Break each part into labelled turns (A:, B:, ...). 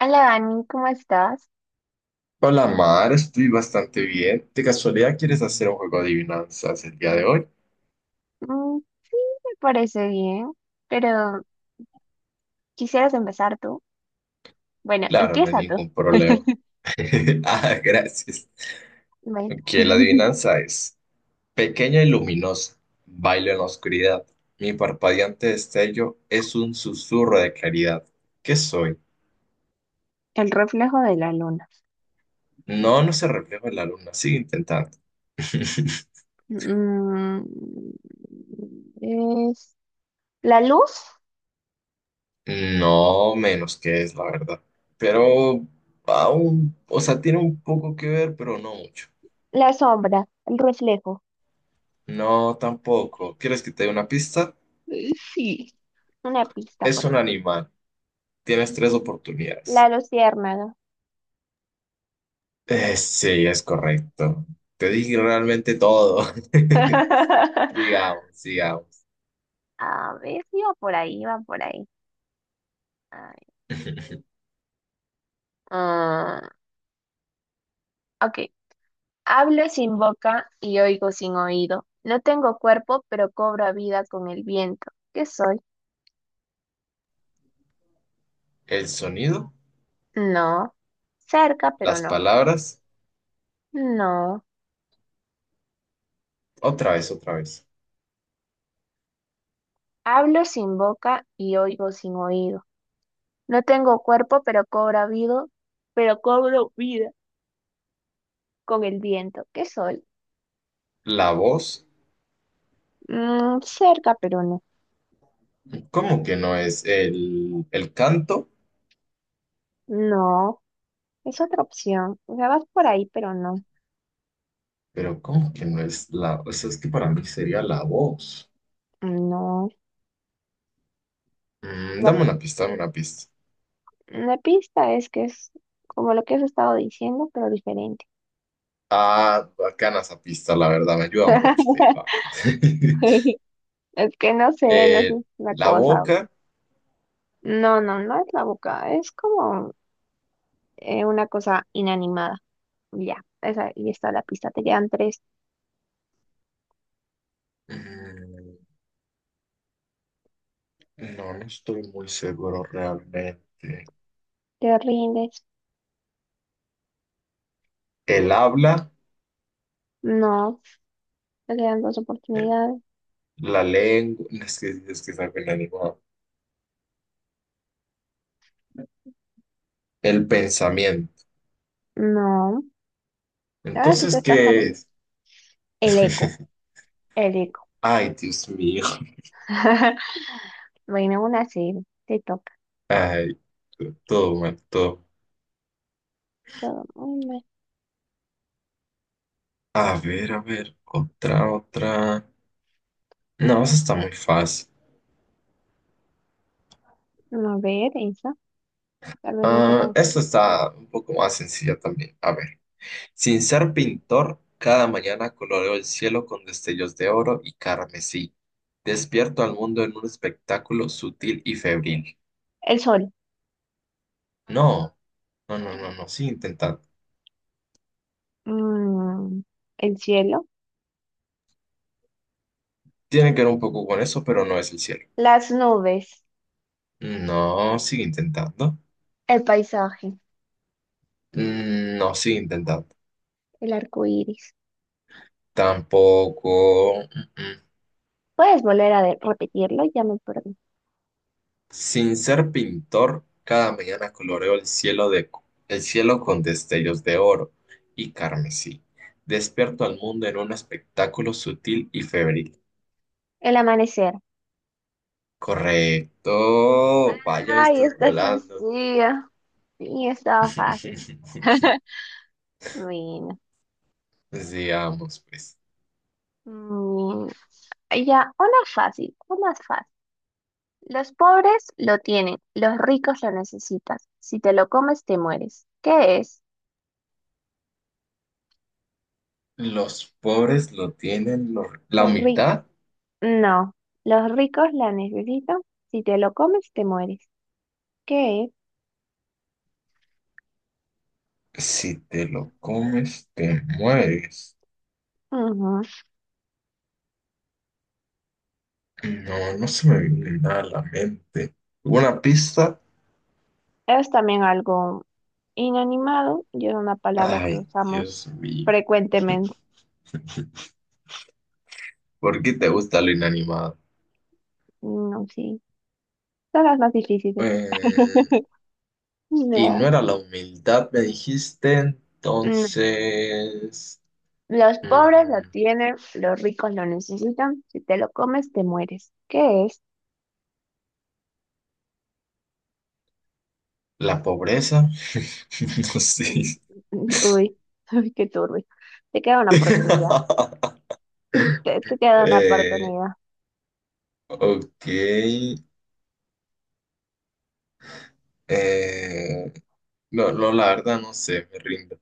A: Hola Dani, ¿cómo estás?
B: Hola Mar, estoy bastante bien. ¿De casualidad quieres hacer un juego de adivinanzas el día de hoy?
A: Sí, me parece bien, pero ¿quisieras empezar tú? Bueno,
B: Claro, no hay
A: empieza tú.
B: ningún problema. Ah, gracias.
A: Bueno.
B: Que la adivinanza es pequeña y luminosa, bailo en la oscuridad. Mi parpadeante destello es un susurro de claridad. ¿Qué soy?
A: El reflejo de la luna.
B: No, no se refleja en la luna, sigue intentando.
A: Mm, es la luz,
B: No menos que es, la verdad. Pero aún, o sea, tiene un poco que ver, pero no mucho.
A: la sombra, el reflejo.
B: No, tampoco. ¿Quieres que te dé una pista?
A: Sí. Una pista,
B: Es
A: por
B: un
A: favor.
B: animal. Tienes tres
A: La
B: oportunidades.
A: luciérnaga.
B: Sí, es correcto. Te dije realmente todo. Digamos, sigamos.
A: A ver, iba por ahí, iba por ahí. Ay, ah, ok, hablo sin boca y oigo sin oído. No tengo cuerpo, pero cobro vida con el viento. ¿Qué soy?
B: El sonido,
A: No. Cerca, pero
B: las
A: no.
B: palabras,
A: No.
B: otra vez, otra vez.
A: Hablo sin boca y oigo sin oído. No tengo cuerpo, pero cobro vida con el viento. ¿Qué soy?
B: La voz,
A: Cerca, pero no.
B: ¿cómo que no es el canto?
A: No. Es otra opción. O sea, vas por ahí, pero no.
B: Pero ¿cómo que no es la... O sea, es que para mí sería la voz.
A: No.
B: Mm,
A: La,
B: dame una pista, dame una pista.
A: la pista es que es como lo que has estado diciendo, pero diferente.
B: Ah, bacana esa pista, la verdad, me ayuda mucho, te paso.
A: Es que no sé, no sé,
B: Eh,
A: es una
B: la
A: cosa.
B: boca,
A: No, no, no es la boca, es como una cosa inanimada. Ya, esa, y está la pista, te quedan tres,
B: mm, no, no estoy muy seguro realmente.
A: te rindes.
B: El habla,
A: No, te quedan dos
B: eh,
A: oportunidades.
B: la lengua, es que es algo inanimado. El pensamiento.
A: No, ahora sí
B: Entonces,
A: te estás dando
B: ¿qué es?
A: el eco, el eco.
B: Ay, Dios mío.
A: Bueno, una sí, te toca.
B: Ay, todo mal, todo.
A: Todo muy mal.
B: A ver, otra, otra. No, esa está muy fácil.
A: No, a ver, esa, tal vez no está
B: Ah,
A: tan fácil.
B: esta está un poco más sencilla también. A ver. Sin ser pintor, cada mañana coloreo el cielo con destellos de oro y carmesí. Despierto al mundo en un espectáculo sutil y febril.
A: El sol,
B: No, no, no, no, no, sigue intentando.
A: mm, el cielo,
B: Tiene que ver un poco con eso, pero no es el cielo.
A: las nubes,
B: No, sigue intentando.
A: el paisaje,
B: Mm, no, sigue intentando.
A: el arco iris.
B: Tampoco. Mm, mm.
A: Puedes volver a repetirlo, ya me perdí.
B: Sin ser pintor, cada mañana coloreo el cielo con destellos de oro y carmesí. Despierto al mundo en un espectáculo sutil y febril.
A: El amanecer.
B: Correcto. Vaya,
A: Ay,
B: estás
A: está
B: volando.
A: sencilla. Sí, estaba fácil. Bueno,
B: Digamos, pues,
A: mm, ya, una fácil, una fácil. Los pobres lo tienen, los ricos lo necesitan. Si te lo comes, te mueres. ¿Qué es?
B: los pobres lo tienen, la
A: Los ricos.
B: humildad,
A: No, los ricos la necesitan. Si te lo comes, te mueres. ¿Qué es?
B: si te lo comes, te mueres.
A: Ujú.
B: No, no se me viene nada a la mente. ¿Una pista?
A: Es también algo inanimado y es una palabra que
B: Ay, Dios
A: usamos
B: mío.
A: frecuentemente.
B: ¿Por qué te gusta lo inanimado?
A: No, sí, son las más difíciles.
B: Eh, y no
A: No.
B: era la humildad, me dijiste,
A: Mm.
B: entonces...
A: Los pobres lo
B: mm,
A: tienen, los ricos lo necesitan. Si te lo comes, te mueres. ¿Qué es?
B: la pobreza, no sé.
A: Uy, uy, qué turbio. Te queda una oportunidad. Te queda una
B: Eh,
A: oportunidad.
B: ok. eh, no, no, la verdad no sé, me rindo.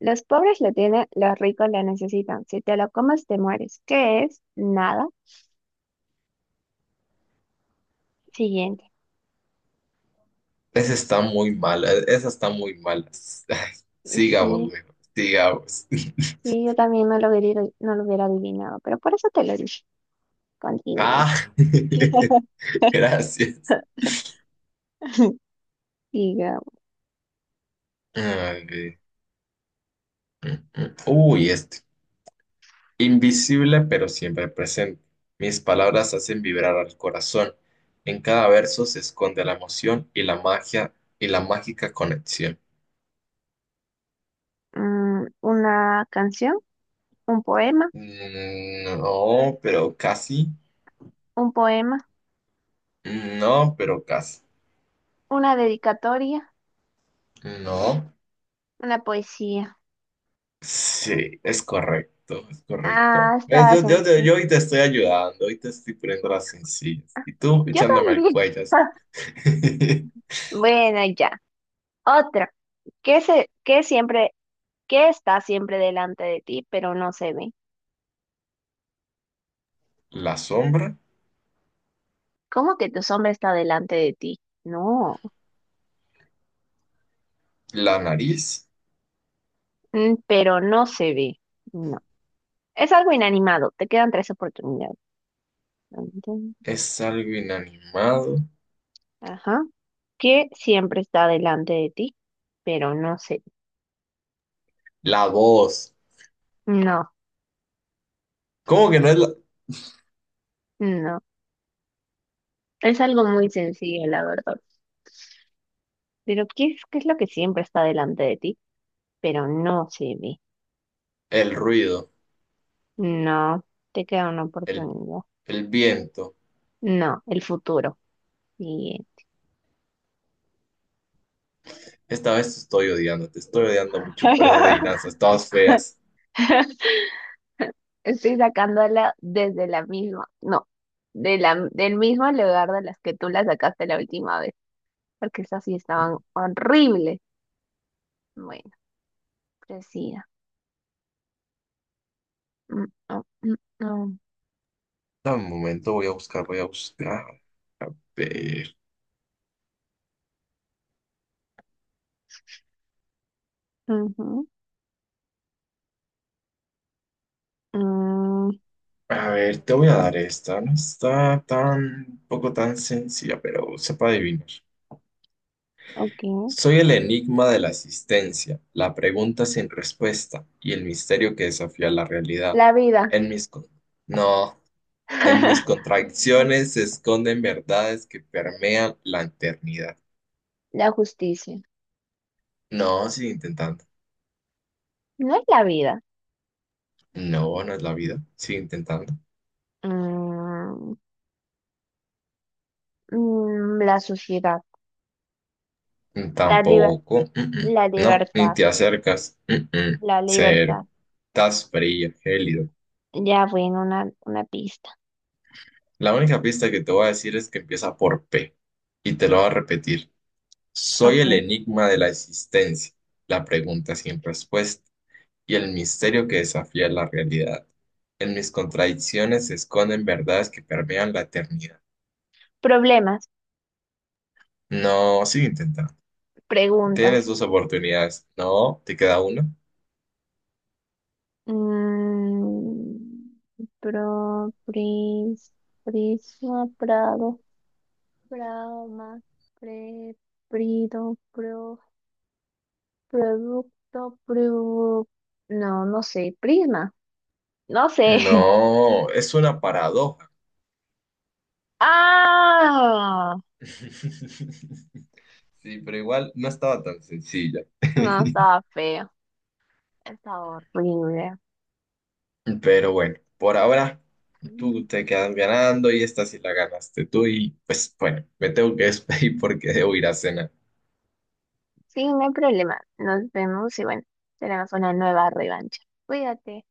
A: Los pobres lo tienen, los ricos lo necesitan. Si te lo comes, te mueres. ¿Qué es? Nada. Siguiente.
B: Esa está muy mala, esa está muy mala. Ay, sigamos,
A: Sí,
B: mejor, sigamos.
A: sí, yo también no lo hubiera, no lo hubiera adivinado, pero por eso te lo dije. Continuemos.
B: Ah, gracias.
A: Diga,
B: Ay, mm, mm. Uy, este. Invisible pero siempre presente. Mis palabras hacen vibrar al corazón. En cada verso se esconde la emoción y la magia y la mágica conexión.
A: una canción. Un poema,
B: Mm, no, pero casi.
A: un poema,
B: No, pero casi.
A: una dedicatoria,
B: No.
A: una poesía.
B: Sí, es correcto, es correcto.
A: Ah,
B: ¿Ves?
A: estaba
B: Yo, yo, yo,
A: sencillo.
B: yo hoy te estoy ayudando, hoy te estoy poniendo las sencillas. Y tú
A: Yo
B: echándome al
A: también.
B: cuello.
A: Bueno, ya. Otra. ¿Qué se, qué siempre, ¿qué está siempre delante de ti, pero no se ve?
B: La sombra,
A: ¿Cómo que tu sombra está delante de ti? No.
B: la nariz,
A: Pero no se ve. No. Es algo inanimado. Te quedan tres oportunidades. Dun, dun.
B: es algo inanimado.
A: Ajá. ¿Qué siempre está delante de ti, pero no se ve?
B: La voz.
A: No,
B: ¿Cómo que no es la-
A: no. Es algo muy sencillo, la verdad. Pero qué es lo que siempre está delante de ti? Pero no, Jimmy.
B: el ruido?
A: No, te queda una
B: El,
A: oportunidad.
B: el viento.
A: No, el futuro. Bien.
B: Esta vez te estoy odiando mucho por esas adivinanzas, todas feas.
A: Estoy sacándola desde la misma, no, de la, del mismo lugar de las que tú la sacaste la última vez, porque esas sí estaban horribles. Bueno, presida. Mm, mm, mm,
B: Dame un momento, voy a buscar, voy a buscar. Ver,
A: mm. Ujú. Mm,
B: a ver, te voy a dar esta. No está tan, poco tan sencilla, pero sepa adivinar.
A: ok.
B: Soy el enigma de la existencia, la pregunta sin respuesta y el misterio que desafía la realidad.
A: La vida.
B: En mis... no. En mis contradicciones se esconden verdades que permean la eternidad.
A: La justicia.
B: No, sigue intentando.
A: No es la vida.
B: No, no es la vida. Sigue intentando.
A: Mm, la sociedad,
B: Mm,
A: la liber-
B: tampoco. Mm, mm.
A: la
B: No, ni
A: libertad,
B: te acercas. Mm, mm.
A: la
B: Cero.
A: libertad.
B: Estás frío, gélido.
A: Ya, bueno, una pista.
B: La única pista que te voy a decir es que empieza por P. Y te lo voy a repetir. Soy
A: Ok.
B: el enigma de la existencia. La pregunta sin respuesta y el misterio que desafía la realidad. En mis contradicciones se esconden verdades que permean la eternidad.
A: Problemas,
B: No, sigue intentando. Tienes
A: preguntas.
B: 2 oportunidades. No, te queda una.
A: Mm, pro, pris, prisma, prado, prama, pre, prido, pro, producto, pru. No, no sé, prisma. No sé.
B: No, es una paradoja.
A: Ah,
B: Sí, pero igual no estaba tan sencilla.
A: no, estaba feo. Estaba horrible.
B: Pero bueno, por ahora tú te quedas ganando y esta sí la ganaste tú y pues bueno, me tengo que despedir porque debo ir a cenar.
A: Sí, no hay problema. Nos vemos y bueno, tenemos una nueva revancha. Cuídate.